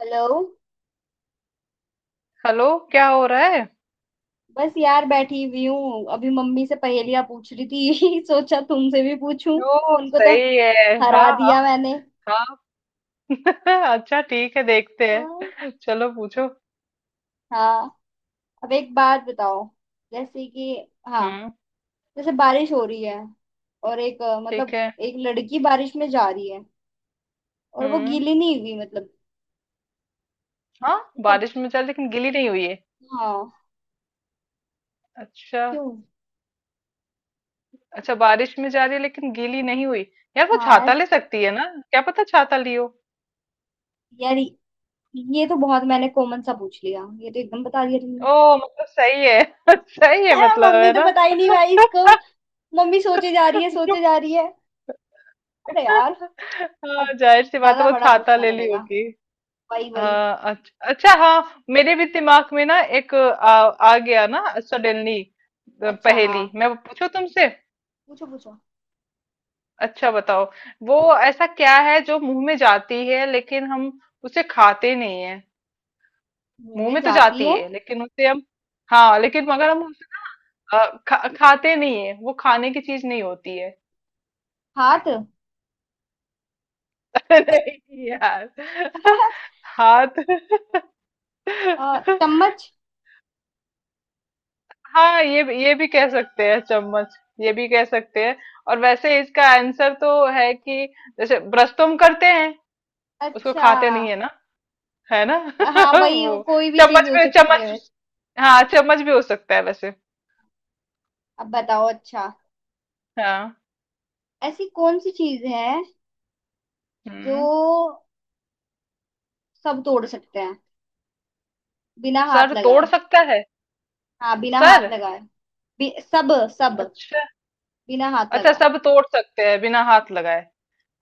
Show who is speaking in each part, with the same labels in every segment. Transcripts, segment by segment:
Speaker 1: Hello.
Speaker 2: Hello. क्या हो रहा है?
Speaker 1: बस यार बैठी हुई हूँ। अभी मम्मी से पहेलियां पूछ रही थी सोचा तुमसे भी पूछूं।
Speaker 2: ओ
Speaker 1: उनको तो
Speaker 2: सही है। हाँ
Speaker 1: हरा
Speaker 2: हाँ
Speaker 1: दिया मैंने।
Speaker 2: हाँ। अच्छा ठीक है, देखते
Speaker 1: वाह।
Speaker 2: हैं, चलो पूछो।
Speaker 1: हाँ, अब एक बात बताओ। जैसे कि हाँ,
Speaker 2: हम्म।
Speaker 1: जैसे बारिश हो रही है और एक
Speaker 2: ठीक
Speaker 1: मतलब
Speaker 2: है।
Speaker 1: एक लड़की बारिश में जा रही है और वो
Speaker 2: हम्म।
Speaker 1: गीली नहीं हुई, मतलब
Speaker 2: हाँ,
Speaker 1: तब
Speaker 2: बारिश में जा रही लेकिन गीली नहीं हुई है।
Speaker 1: हाँ,
Speaker 2: अच्छा।
Speaker 1: क्यों।
Speaker 2: अच्छा बारिश में जा रही है लेकिन गीली नहीं हुई। यार वो
Speaker 1: हाँ
Speaker 2: छाता ले सकती है ना। क्या पता छाता लियो।
Speaker 1: यार, ये तो बहुत मैंने कॉमन सा पूछ लिया, ये तो एकदम बता दिया
Speaker 2: ओ मतलब सही है। सही है
Speaker 1: तुमने
Speaker 2: मतलब,
Speaker 1: मम्मी
Speaker 2: है
Speaker 1: तो
Speaker 2: ना।
Speaker 1: बता ही नहीं भाई इसको। मम्मी सोचे जा रही है, सोचे जा रही है। अरे यार, अब
Speaker 2: हाँ जाहिर सी बात है,
Speaker 1: ज्यादा
Speaker 2: वो
Speaker 1: बड़ा
Speaker 2: छाता
Speaker 1: पूछना
Speaker 2: ले ली
Speaker 1: पड़ेगा।
Speaker 2: होगी।
Speaker 1: वही वही।
Speaker 2: हाँ अच्छा हाँ, मेरे भी दिमाग में ना एक आ गया ना सडनली।
Speaker 1: अच्छा हाँ,
Speaker 2: पहेली मैं पूछूं तुमसे।
Speaker 1: पूछो पूछो।
Speaker 2: अच्छा बताओ, वो ऐसा क्या है जो मुंह में जाती है लेकिन हम उसे खाते नहीं है।
Speaker 1: मुंह
Speaker 2: मुंह
Speaker 1: में
Speaker 2: में तो
Speaker 1: जाती
Speaker 2: जाती
Speaker 1: है
Speaker 2: है लेकिन उसे हम, हाँ लेकिन मगर हम उसे खाते नहीं है, वो खाने की चीज नहीं होती है।
Speaker 1: हाथ
Speaker 2: नहीं यार, हाथ।
Speaker 1: और चम्मच।
Speaker 2: हाँ ये भी कह सकते हैं चम्मच। ये भी कह सकते हैं। और वैसे इसका आंसर तो है कि जैसे ब्रश तो हम करते हैं, उसको
Speaker 1: अच्छा
Speaker 2: खाते नहीं है ना, है ना।
Speaker 1: हाँ, वही वो
Speaker 2: वो
Speaker 1: कोई भी चीज
Speaker 2: चम्मच
Speaker 1: हो
Speaker 2: भी,
Speaker 1: सकती है वैसे।
Speaker 2: चम्मच। हाँ चम्मच भी हो सकता है वैसे।
Speaker 1: अब बताओ अच्छा,
Speaker 2: हाँ।
Speaker 1: ऐसी कौन सी चीज है
Speaker 2: हम्म।
Speaker 1: जो सब तोड़ सकते हैं बिना हाथ
Speaker 2: सर तोड़
Speaker 1: लगाए।
Speaker 2: सकता है।
Speaker 1: हाँ, बिना हाथ
Speaker 2: सर।
Speaker 1: लगाए। सब सब
Speaker 2: अच्छा।
Speaker 1: बिना हाथ
Speaker 2: अच्छा
Speaker 1: लगाए।
Speaker 2: सब तोड़ सकते हैं बिना हाथ लगाए।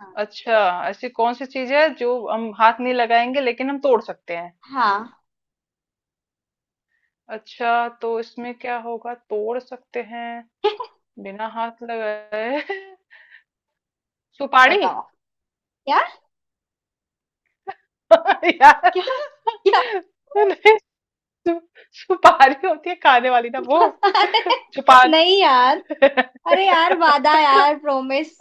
Speaker 1: हाँ।
Speaker 2: अच्छा ऐसी कौन सी चीज है जो हम हाथ नहीं लगाएंगे लेकिन हम तोड़ सकते हैं।
Speaker 1: हाँ
Speaker 2: अच्छा तो इसमें क्या होगा, तोड़ सकते हैं बिना हाथ लगाए। सुपारी।
Speaker 1: बताओ। क्या
Speaker 2: यार।
Speaker 1: क्या क्या
Speaker 2: नहीं, सु, सुपारी होती है खाने वाली ना, वो जो पान।
Speaker 1: नहीं यार, अरे यार वादा यार प्रोमिस।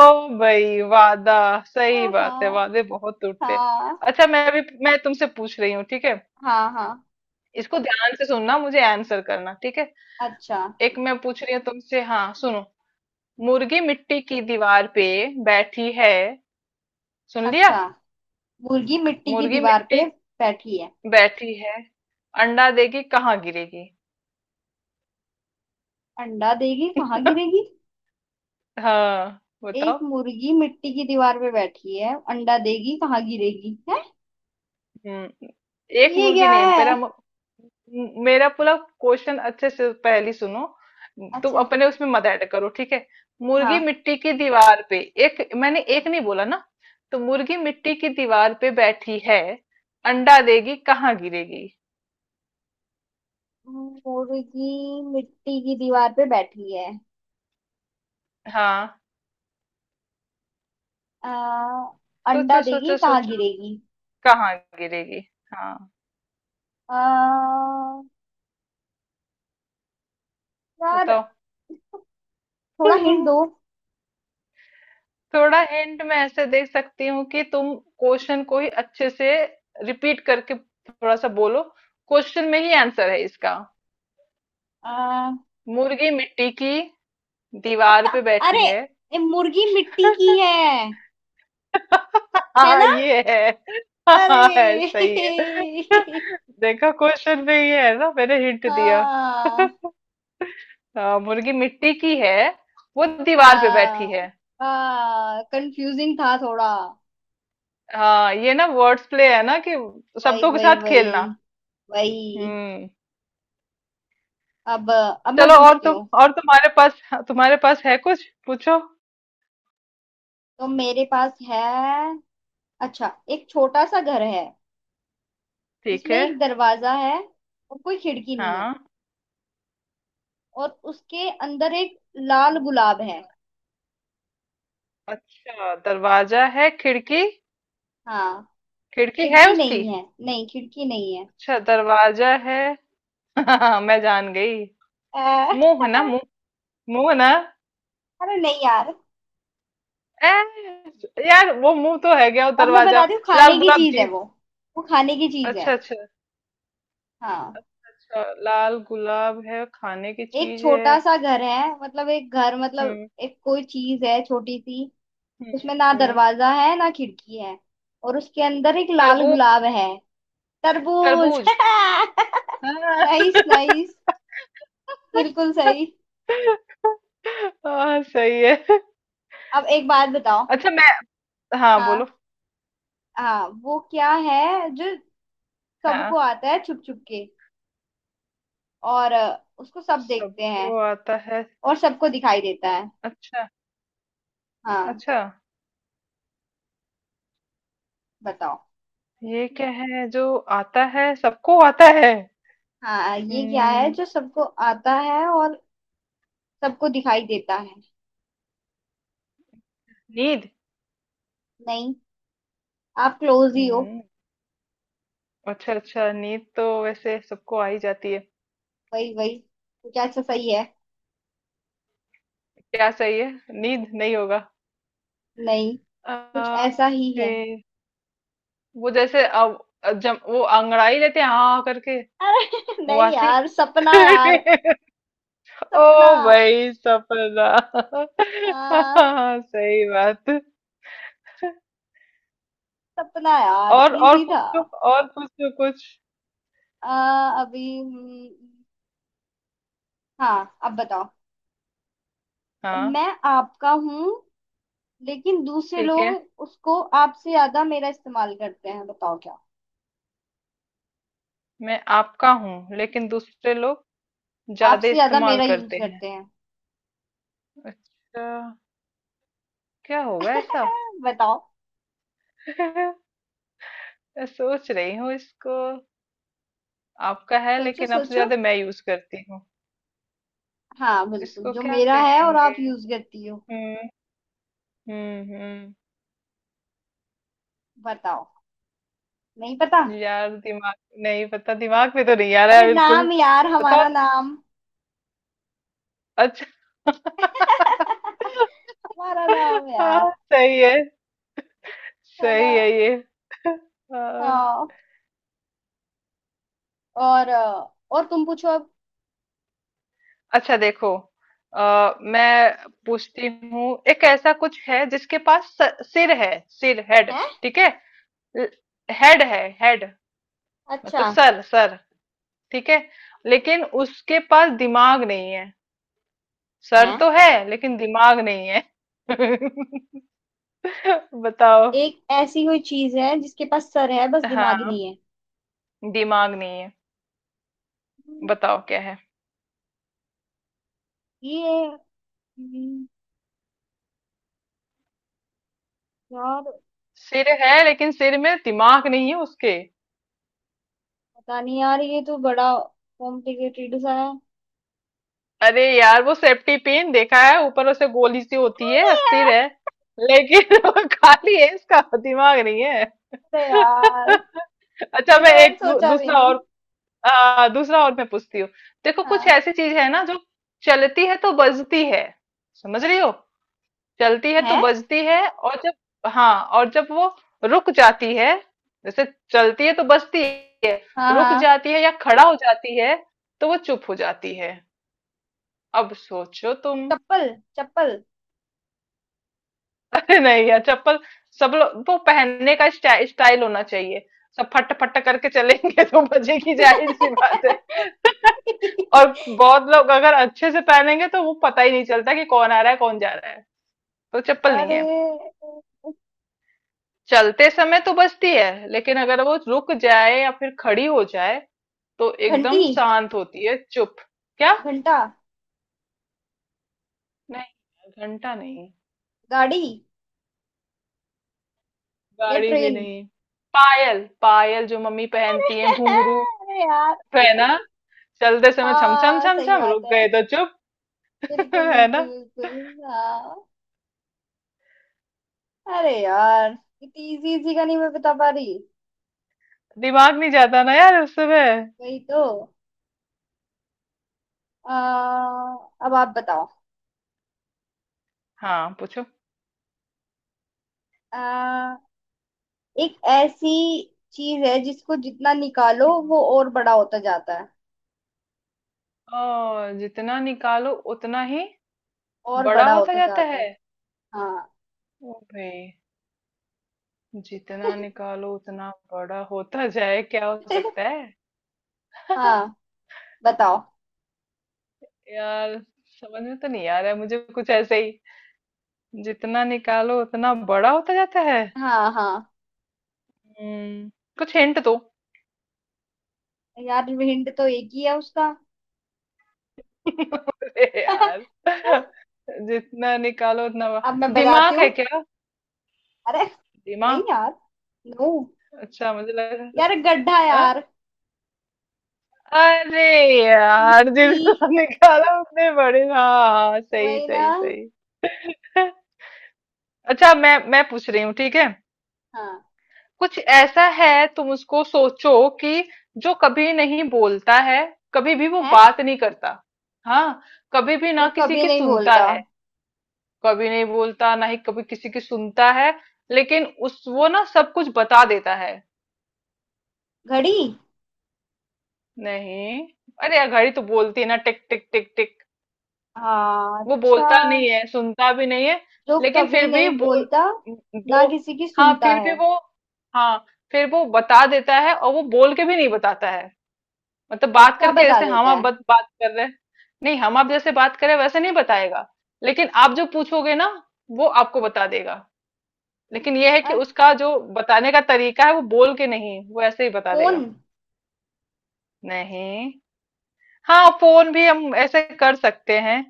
Speaker 2: ओ भाई वादा। सही
Speaker 1: हाँ।
Speaker 2: बात है, वादे बहुत टूटते हैं।
Speaker 1: हाँ।
Speaker 2: अच्छा मैं अभी मैं तुमसे पूछ रही हूँ, ठीक है।
Speaker 1: हाँ। हाँ।
Speaker 2: इसको ध्यान से सुनना, मुझे आंसर करना, ठीक है।
Speaker 1: अच्छा।
Speaker 2: एक मैं पूछ रही हूँ तुमसे, हाँ सुनो। मुर्गी मिट्टी की दीवार पे बैठी है, सुन लिया।
Speaker 1: अच्छा मुर्गी मिट्टी की
Speaker 2: मुर्गी
Speaker 1: दीवार
Speaker 2: मिट्टी
Speaker 1: पे बैठी है,
Speaker 2: बैठी है, अंडा देगी कहाँ गिरेगी।
Speaker 1: अंडा देगी कहाँ गिरेगी।
Speaker 2: हाँ
Speaker 1: एक
Speaker 2: बताओ।
Speaker 1: मुर्गी मिट्टी की दीवार पे बैठी है अंडा देगी कहाँ गिरेगी है।
Speaker 2: हम्म। एक
Speaker 1: ये
Speaker 2: मुर्गी
Speaker 1: क्या
Speaker 2: नहीं,
Speaker 1: है।
Speaker 2: मेरा पूरा क्वेश्चन अच्छे से पहली सुनो। तुम
Speaker 1: अच्छा
Speaker 2: अपने उसमें मत ऐड करो, ठीक है। मुर्गी
Speaker 1: हाँ,
Speaker 2: मिट्टी की दीवार पे, एक मैंने एक नहीं बोला ना। तो मुर्गी मिट्टी की दीवार पे बैठी है, अंडा देगी कहाँ गिरेगी।
Speaker 1: मुर्गी मिट्टी की दीवार पे बैठी है।
Speaker 2: हाँ
Speaker 1: आ, अंडा
Speaker 2: सोचो
Speaker 1: देगी
Speaker 2: सोचो
Speaker 1: कहाँ
Speaker 2: सोचो,
Speaker 1: गिरेगी।
Speaker 2: कहाँ गिरेगी। हाँ
Speaker 1: आ, यार,
Speaker 2: बताओ।
Speaker 1: थोड़ा हिंट दो।
Speaker 2: थोड़ा हिंट मैं ऐसे दे सकती हूँ कि तुम क्वेश्चन को ही अच्छे से रिपीट करके थोड़ा सा बोलो, क्वेश्चन में ही आंसर है इसका।
Speaker 1: आ,
Speaker 2: मुर्गी मिट्टी की दीवार पे बैठी
Speaker 1: अरे,
Speaker 2: है।
Speaker 1: ये मुर्गी मिट्टी की है है
Speaker 2: हाँ
Speaker 1: ना।
Speaker 2: ये है। हाँ है,
Speaker 1: अरे
Speaker 2: सही है। देखा, क्वेश्चन में ये है ना, मैंने हिंट दिया।
Speaker 1: हाँ।
Speaker 2: हाँ मुर्गी मिट्टी की है, वो दीवार पे बैठी
Speaker 1: हाँ।
Speaker 2: है।
Speaker 1: हाँ, कंफ्यूजिंग था थोड़ा।
Speaker 2: हाँ ये ना वर्ड्स प्ले है ना कि
Speaker 1: वही
Speaker 2: शब्दों के
Speaker 1: वही
Speaker 2: साथ खेलना।
Speaker 1: वही। वही
Speaker 2: हम्म।
Speaker 1: अब मैं
Speaker 2: चलो, और
Speaker 1: पूछती
Speaker 2: तुम,
Speaker 1: हूँ।
Speaker 2: और तुम्हारे पास, तुम्हारे पास है कुछ, पूछो।
Speaker 1: तो मेरे पास है अच्छा, एक छोटा सा घर है
Speaker 2: ठीक
Speaker 1: जिसमें
Speaker 2: है।
Speaker 1: एक दरवाजा है और कोई खिड़की नहीं है
Speaker 2: हाँ।
Speaker 1: और उसके अंदर एक लाल गुलाब है।
Speaker 2: अच्छा दरवाजा है, खिड़की,
Speaker 1: हाँ,
Speaker 2: खिड़की है
Speaker 1: खिड़की
Speaker 2: उसकी?
Speaker 1: नहीं है, नहीं खिड़की नहीं
Speaker 2: अच्छा दरवाजा है। मैं जान गई,
Speaker 1: है।
Speaker 2: मुंह है ना, मुंह। मुंह है ना।
Speaker 1: अरे नहीं यार,
Speaker 2: ए, यार वो मुंह तो है गया वो
Speaker 1: अब मैं
Speaker 2: दरवाजा।
Speaker 1: बताती हूँ,
Speaker 2: लाल
Speaker 1: खाने की
Speaker 2: गुलाब
Speaker 1: चीज है
Speaker 2: जी।
Speaker 1: वो। वो खाने की चीज है।
Speaker 2: अच्छा अच्छा।
Speaker 1: हाँ,
Speaker 2: अच्छा लाल गुलाब है, खाने की
Speaker 1: एक
Speaker 2: चीज है।
Speaker 1: छोटा सा घर है मतलब एक घर, मतलब
Speaker 2: हम्म।
Speaker 1: एक कोई चीज है छोटी सी।
Speaker 2: हम्म।
Speaker 1: उसमें ना
Speaker 2: हम्म।
Speaker 1: दरवाजा है ना खिड़की है और उसके अंदर एक लाल
Speaker 2: तरबूज।
Speaker 1: गुलाब है। तरबूज
Speaker 2: तरबूज। हाँ।
Speaker 1: Nice nice. बिल्कुल सही।
Speaker 2: हाँ सही है।
Speaker 1: अब एक बात बताओ।
Speaker 2: अच्छा मैं, हाँ बोलो।
Speaker 1: हाँ। हाँ, वो क्या है जो
Speaker 2: हाँ।
Speaker 1: सबको आता है छुप छुप के और उसको सब देखते हैं
Speaker 2: सबको आता है।
Speaker 1: और सबको दिखाई देता है।
Speaker 2: अच्छा।
Speaker 1: हाँ,
Speaker 2: अच्छा
Speaker 1: बताओ।
Speaker 2: ये क्या है जो आता है, सबको आता है।
Speaker 1: हाँ, ये क्या है
Speaker 2: हम्म,
Speaker 1: जो सबको आता है और सबको दिखाई देता है।
Speaker 2: नींद।
Speaker 1: नहीं, आप क्लोज ही हो।
Speaker 2: हम्म, अच्छा अच्छा, नींद तो वैसे सबको आ ही जाती है।
Speaker 1: वही वही, कुछ ऐसा सही है।
Speaker 2: क्या सही है? नींद नहीं होगा।
Speaker 1: नहीं, कुछ
Speaker 2: आ,
Speaker 1: ऐसा ही है।
Speaker 2: फिर वो जैसे अब, जब वो अंगड़ाई लेते हैं हाँ करके,
Speaker 1: अरे नहीं
Speaker 2: वासी।
Speaker 1: यार, सपना यार। सपना।
Speaker 2: ओ भाई सपना।
Speaker 1: हाँ।
Speaker 2: हाँ सही बात।
Speaker 1: सपना यार,
Speaker 2: और
Speaker 1: इजी था।
Speaker 2: पूछो, और पूछो कुछ।
Speaker 1: अभी हाँ, अब बताओ।
Speaker 2: हाँ।
Speaker 1: मैं आपका हूँ लेकिन दूसरे
Speaker 2: ठीक
Speaker 1: लोग
Speaker 2: है।
Speaker 1: उसको आपसे ज्यादा मेरा इस्तेमाल करते हैं, बताओ क्या।
Speaker 2: मैं आपका हूँ लेकिन दूसरे लोग ज्यादा
Speaker 1: आपसे ज्यादा
Speaker 2: इस्तेमाल
Speaker 1: मेरा यूज
Speaker 2: करते हैं।
Speaker 1: करते हैं
Speaker 2: अच्छा। क्या होगा ऐसा?
Speaker 1: बताओ।
Speaker 2: मैं सोच रही हूँ इसको, आपका है
Speaker 1: सोचो
Speaker 2: लेकिन आपसे
Speaker 1: सोचो।
Speaker 2: ज्यादा मैं यूज करती हूँ,
Speaker 1: हाँ, बिल्कुल
Speaker 2: इसको
Speaker 1: जो
Speaker 2: क्या
Speaker 1: मेरा है और आप
Speaker 2: कहेंगे?
Speaker 1: यूज करती हो।
Speaker 2: हम्म। हम्म।
Speaker 1: बताओ। नहीं पता।
Speaker 2: यार दिमाग, नहीं पता। दिमाग में तो नहीं आ रहा
Speaker 1: अरे
Speaker 2: है बिल्कुल।
Speaker 1: नाम यार,
Speaker 2: बताओ।
Speaker 1: हमारा नाम
Speaker 2: अच्छा।
Speaker 1: हमारा नाम
Speaker 2: हाँ
Speaker 1: यार,
Speaker 2: सही है,
Speaker 1: है ना।
Speaker 2: सही है ये। हाँ।
Speaker 1: हाँ। और और तुम पूछो अब।
Speaker 2: अच्छा देखो,
Speaker 1: हाँ।
Speaker 2: मैं पूछती हूँ, एक ऐसा कुछ है जिसके पास सिर है, सिर, हेड।
Speaker 1: है
Speaker 2: ठीक है। ल- हेड है, हेड।
Speaker 1: अच्छा
Speaker 2: मतलब सर, सर। ठीक है, लेकिन उसके पास दिमाग नहीं है। सर
Speaker 1: है,
Speaker 2: तो है लेकिन दिमाग नहीं है। बताओ।
Speaker 1: एक ऐसी कोई चीज है जिसके पास सर है बस दिमाग
Speaker 2: हाँ
Speaker 1: नहीं है।
Speaker 2: दिमाग नहीं है।
Speaker 1: हम्म,
Speaker 2: बताओ क्या है।
Speaker 1: ये हम्म, यार,
Speaker 2: सिर है लेकिन सिर में दिमाग नहीं है उसके।
Speaker 1: पता नहीं यार, ये तो बड़ा कॉम्प्लिकेटेड सा है।
Speaker 2: अरे यार वो सेफ्टी पिन देखा है, ऊपर उसे गोली सी होती
Speaker 1: अरे
Speaker 2: है, सिर है
Speaker 1: यार।
Speaker 2: लेकिन वो खाली है, इसका दिमाग नहीं है।
Speaker 1: अरे यार,
Speaker 2: अच्छा
Speaker 1: ये तो
Speaker 2: मैं
Speaker 1: मैंने
Speaker 2: एक
Speaker 1: सोचा भी
Speaker 2: दूसरा
Speaker 1: नहीं।
Speaker 2: और, दूसरा और मैं पूछती हूँ। देखो कुछ
Speaker 1: हाँ।
Speaker 2: ऐसी चीज है ना जो चलती है तो बजती है, समझ रही हो। चलती है
Speaker 1: है।
Speaker 2: तो बजती है, और जब, हाँ और जब वो रुक जाती है, जैसे, चलती है तो बजती है,
Speaker 1: हाँ।
Speaker 2: रुक
Speaker 1: हाँ।
Speaker 2: जाती है या खड़ा हो जाती है तो वो चुप हो जाती है। अब सोचो तुम।
Speaker 1: चप्पल चप्पल
Speaker 2: अरे नहीं यार, चप्पल सब लोग वो पहनने का स्टाइल, स्टाइल होना चाहिए। सब फट फट करके चलेंगे तो बजेगी जाहिर सी बात है। और बहुत लोग अगर अच्छे से पहनेंगे तो वो पता ही नहीं चलता कि कौन आ रहा है कौन जा रहा है। तो चप्पल नहीं
Speaker 1: अरे
Speaker 2: है। चलते समय तो बचती है लेकिन अगर वो रुक जाए या फिर खड़ी हो जाए तो
Speaker 1: घंटी,
Speaker 2: एकदम शांत होती है, चुप। क्या?
Speaker 1: घंटा,
Speaker 2: नहीं घंटा नहीं।
Speaker 1: गाड़ी या
Speaker 2: गाड़ी भी
Speaker 1: ट्रेन।
Speaker 2: नहीं। पायल, पायल जो मम्मी पहनती है, घुंघरू।
Speaker 1: अरे यार।
Speaker 2: है ना, चलते समय छम छम
Speaker 1: हाँ
Speaker 2: छम
Speaker 1: सही
Speaker 2: छम,
Speaker 1: बात
Speaker 2: रुक
Speaker 1: है।
Speaker 2: गए तो चुप।
Speaker 1: बिल्कुल
Speaker 2: है
Speaker 1: बिल्कुल
Speaker 2: ना।
Speaker 1: बिल्कुल। हाँ। अरे यार, इतनी इजी इजी का नहीं मैं बता पा रही।
Speaker 2: दिमाग नहीं जाता ना यार उस समय।
Speaker 1: वही तो। आ, अब आप बताओ।
Speaker 2: हाँ पूछो।
Speaker 1: आ, एक ऐसी चीज है जिसको जितना निकालो वो और बड़ा होता जाता है।
Speaker 2: ओ, जितना निकालो उतना ही,
Speaker 1: और
Speaker 2: बड़ा
Speaker 1: बड़ा
Speaker 2: होता
Speaker 1: होता
Speaker 2: जाता
Speaker 1: जाता
Speaker 2: है।
Speaker 1: है। हाँ
Speaker 2: ओ भाई, जितना निकालो उतना बड़ा होता जाए क्या हो सकता है?
Speaker 1: हाँ, बताओ।
Speaker 2: यार समझ में तो नहीं आ रहा है मुझे, कुछ ऐसे ही जितना निकालो उतना बड़ा होता जाता है।
Speaker 1: हाँ। हाँ,
Speaker 2: हम्म। कुछ हिंट दो।
Speaker 1: यार हिंट तो एक ही है उसका
Speaker 2: अरे यार, जितना निकालो उतना
Speaker 1: अब मैं
Speaker 2: बड़ा,
Speaker 1: बताती
Speaker 2: दिमाग
Speaker 1: हूँ।
Speaker 2: है क्या?
Speaker 1: अरे नहीं
Speaker 2: दिमाग।
Speaker 1: यार, नो।
Speaker 2: अच्छा, मुझे लगा।
Speaker 1: यार गड्ढा
Speaker 2: अ?
Speaker 1: यार,
Speaker 2: अरे यार
Speaker 1: मिट्टी,
Speaker 2: जितना निकालो उतने बड़े, हाँ हाँ सही
Speaker 1: वही ना।
Speaker 2: सही सही। अच्छा मैं पूछ रही हूँ, ठीक है।
Speaker 1: हाँ।
Speaker 2: कुछ ऐसा है, तुम उसको सोचो कि जो कभी नहीं बोलता है, कभी भी वो
Speaker 1: है।
Speaker 2: बात नहीं करता। हाँ, कभी भी
Speaker 1: जो
Speaker 2: ना किसी
Speaker 1: कभी
Speaker 2: की
Speaker 1: नहीं
Speaker 2: सुनता
Speaker 1: बोलता।
Speaker 2: है। कभी नहीं बोलता ना ही कभी किसी की सुनता है, लेकिन उस वो ना सब कुछ बता देता है।
Speaker 1: घड़ी।
Speaker 2: नहीं। अरे यार घड़ी तो बोलती है ना, टिक टिक टिक टिक।
Speaker 1: हाँ
Speaker 2: वो बोलता
Speaker 1: अच्छा।
Speaker 2: नहीं है, सुनता भी नहीं है
Speaker 1: जो
Speaker 2: लेकिन
Speaker 1: कभी
Speaker 2: फिर भी
Speaker 1: नहीं
Speaker 2: बोल,
Speaker 1: बोलता ना
Speaker 2: वो,
Speaker 1: किसी की
Speaker 2: हाँ
Speaker 1: सुनता
Speaker 2: फिर भी
Speaker 1: है।
Speaker 2: वो, हाँ, फिर वो बता देता है और वो बोल के भी नहीं बताता है। मतलब बात
Speaker 1: क्या
Speaker 2: करके
Speaker 1: बता
Speaker 2: जैसे हम
Speaker 1: देता
Speaker 2: आप
Speaker 1: है।
Speaker 2: बात कर रहे हैं। नहीं, हम आप जैसे बात करें वैसे नहीं बताएगा, लेकिन आप जो पूछोगे ना वो आपको बता देगा। लेकिन ये है
Speaker 1: अ,
Speaker 2: कि उसका जो बताने का तरीका है वो बोल के नहीं, वो ऐसे ही बता
Speaker 1: फोन।
Speaker 2: देगा। नहीं। हाँ फोन भी हम ऐसे कर सकते हैं।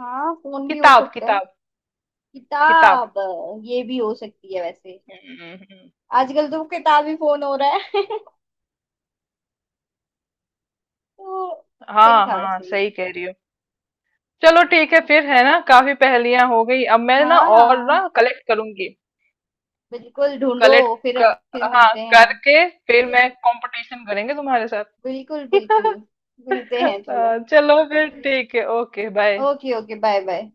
Speaker 1: हाँ, फोन भी हो
Speaker 2: किताब,
Speaker 1: सकता है।
Speaker 2: किताब। किताब।
Speaker 1: किताब, ये भी हो सकती है वैसे।
Speaker 2: हम्म, हम्म।
Speaker 1: आजकल तो किताबी फोन हो रहा है तो सही
Speaker 2: हाँ
Speaker 1: था
Speaker 2: हाँ
Speaker 1: वैसे
Speaker 2: सही
Speaker 1: ये।
Speaker 2: कह रही हो। चलो ठीक है फिर, है ना, काफी पहेलियां हो गई, अब मैं ना और
Speaker 1: हाँ,
Speaker 2: ना कलेक्ट करूंगी।
Speaker 1: बिल्कुल ढूंढो।
Speaker 2: कलेक्ट
Speaker 1: फिर
Speaker 2: कर,
Speaker 1: फिर
Speaker 2: हाँ
Speaker 1: मिलते हैं।
Speaker 2: करके फिर मैं कंपटीशन करेंगे तुम्हारे साथ।
Speaker 1: बिल्कुल बिल्कुल। मिलते हैं चलो।
Speaker 2: चलो फिर ठीक है, okay bye.
Speaker 1: Okay, okay bye bye.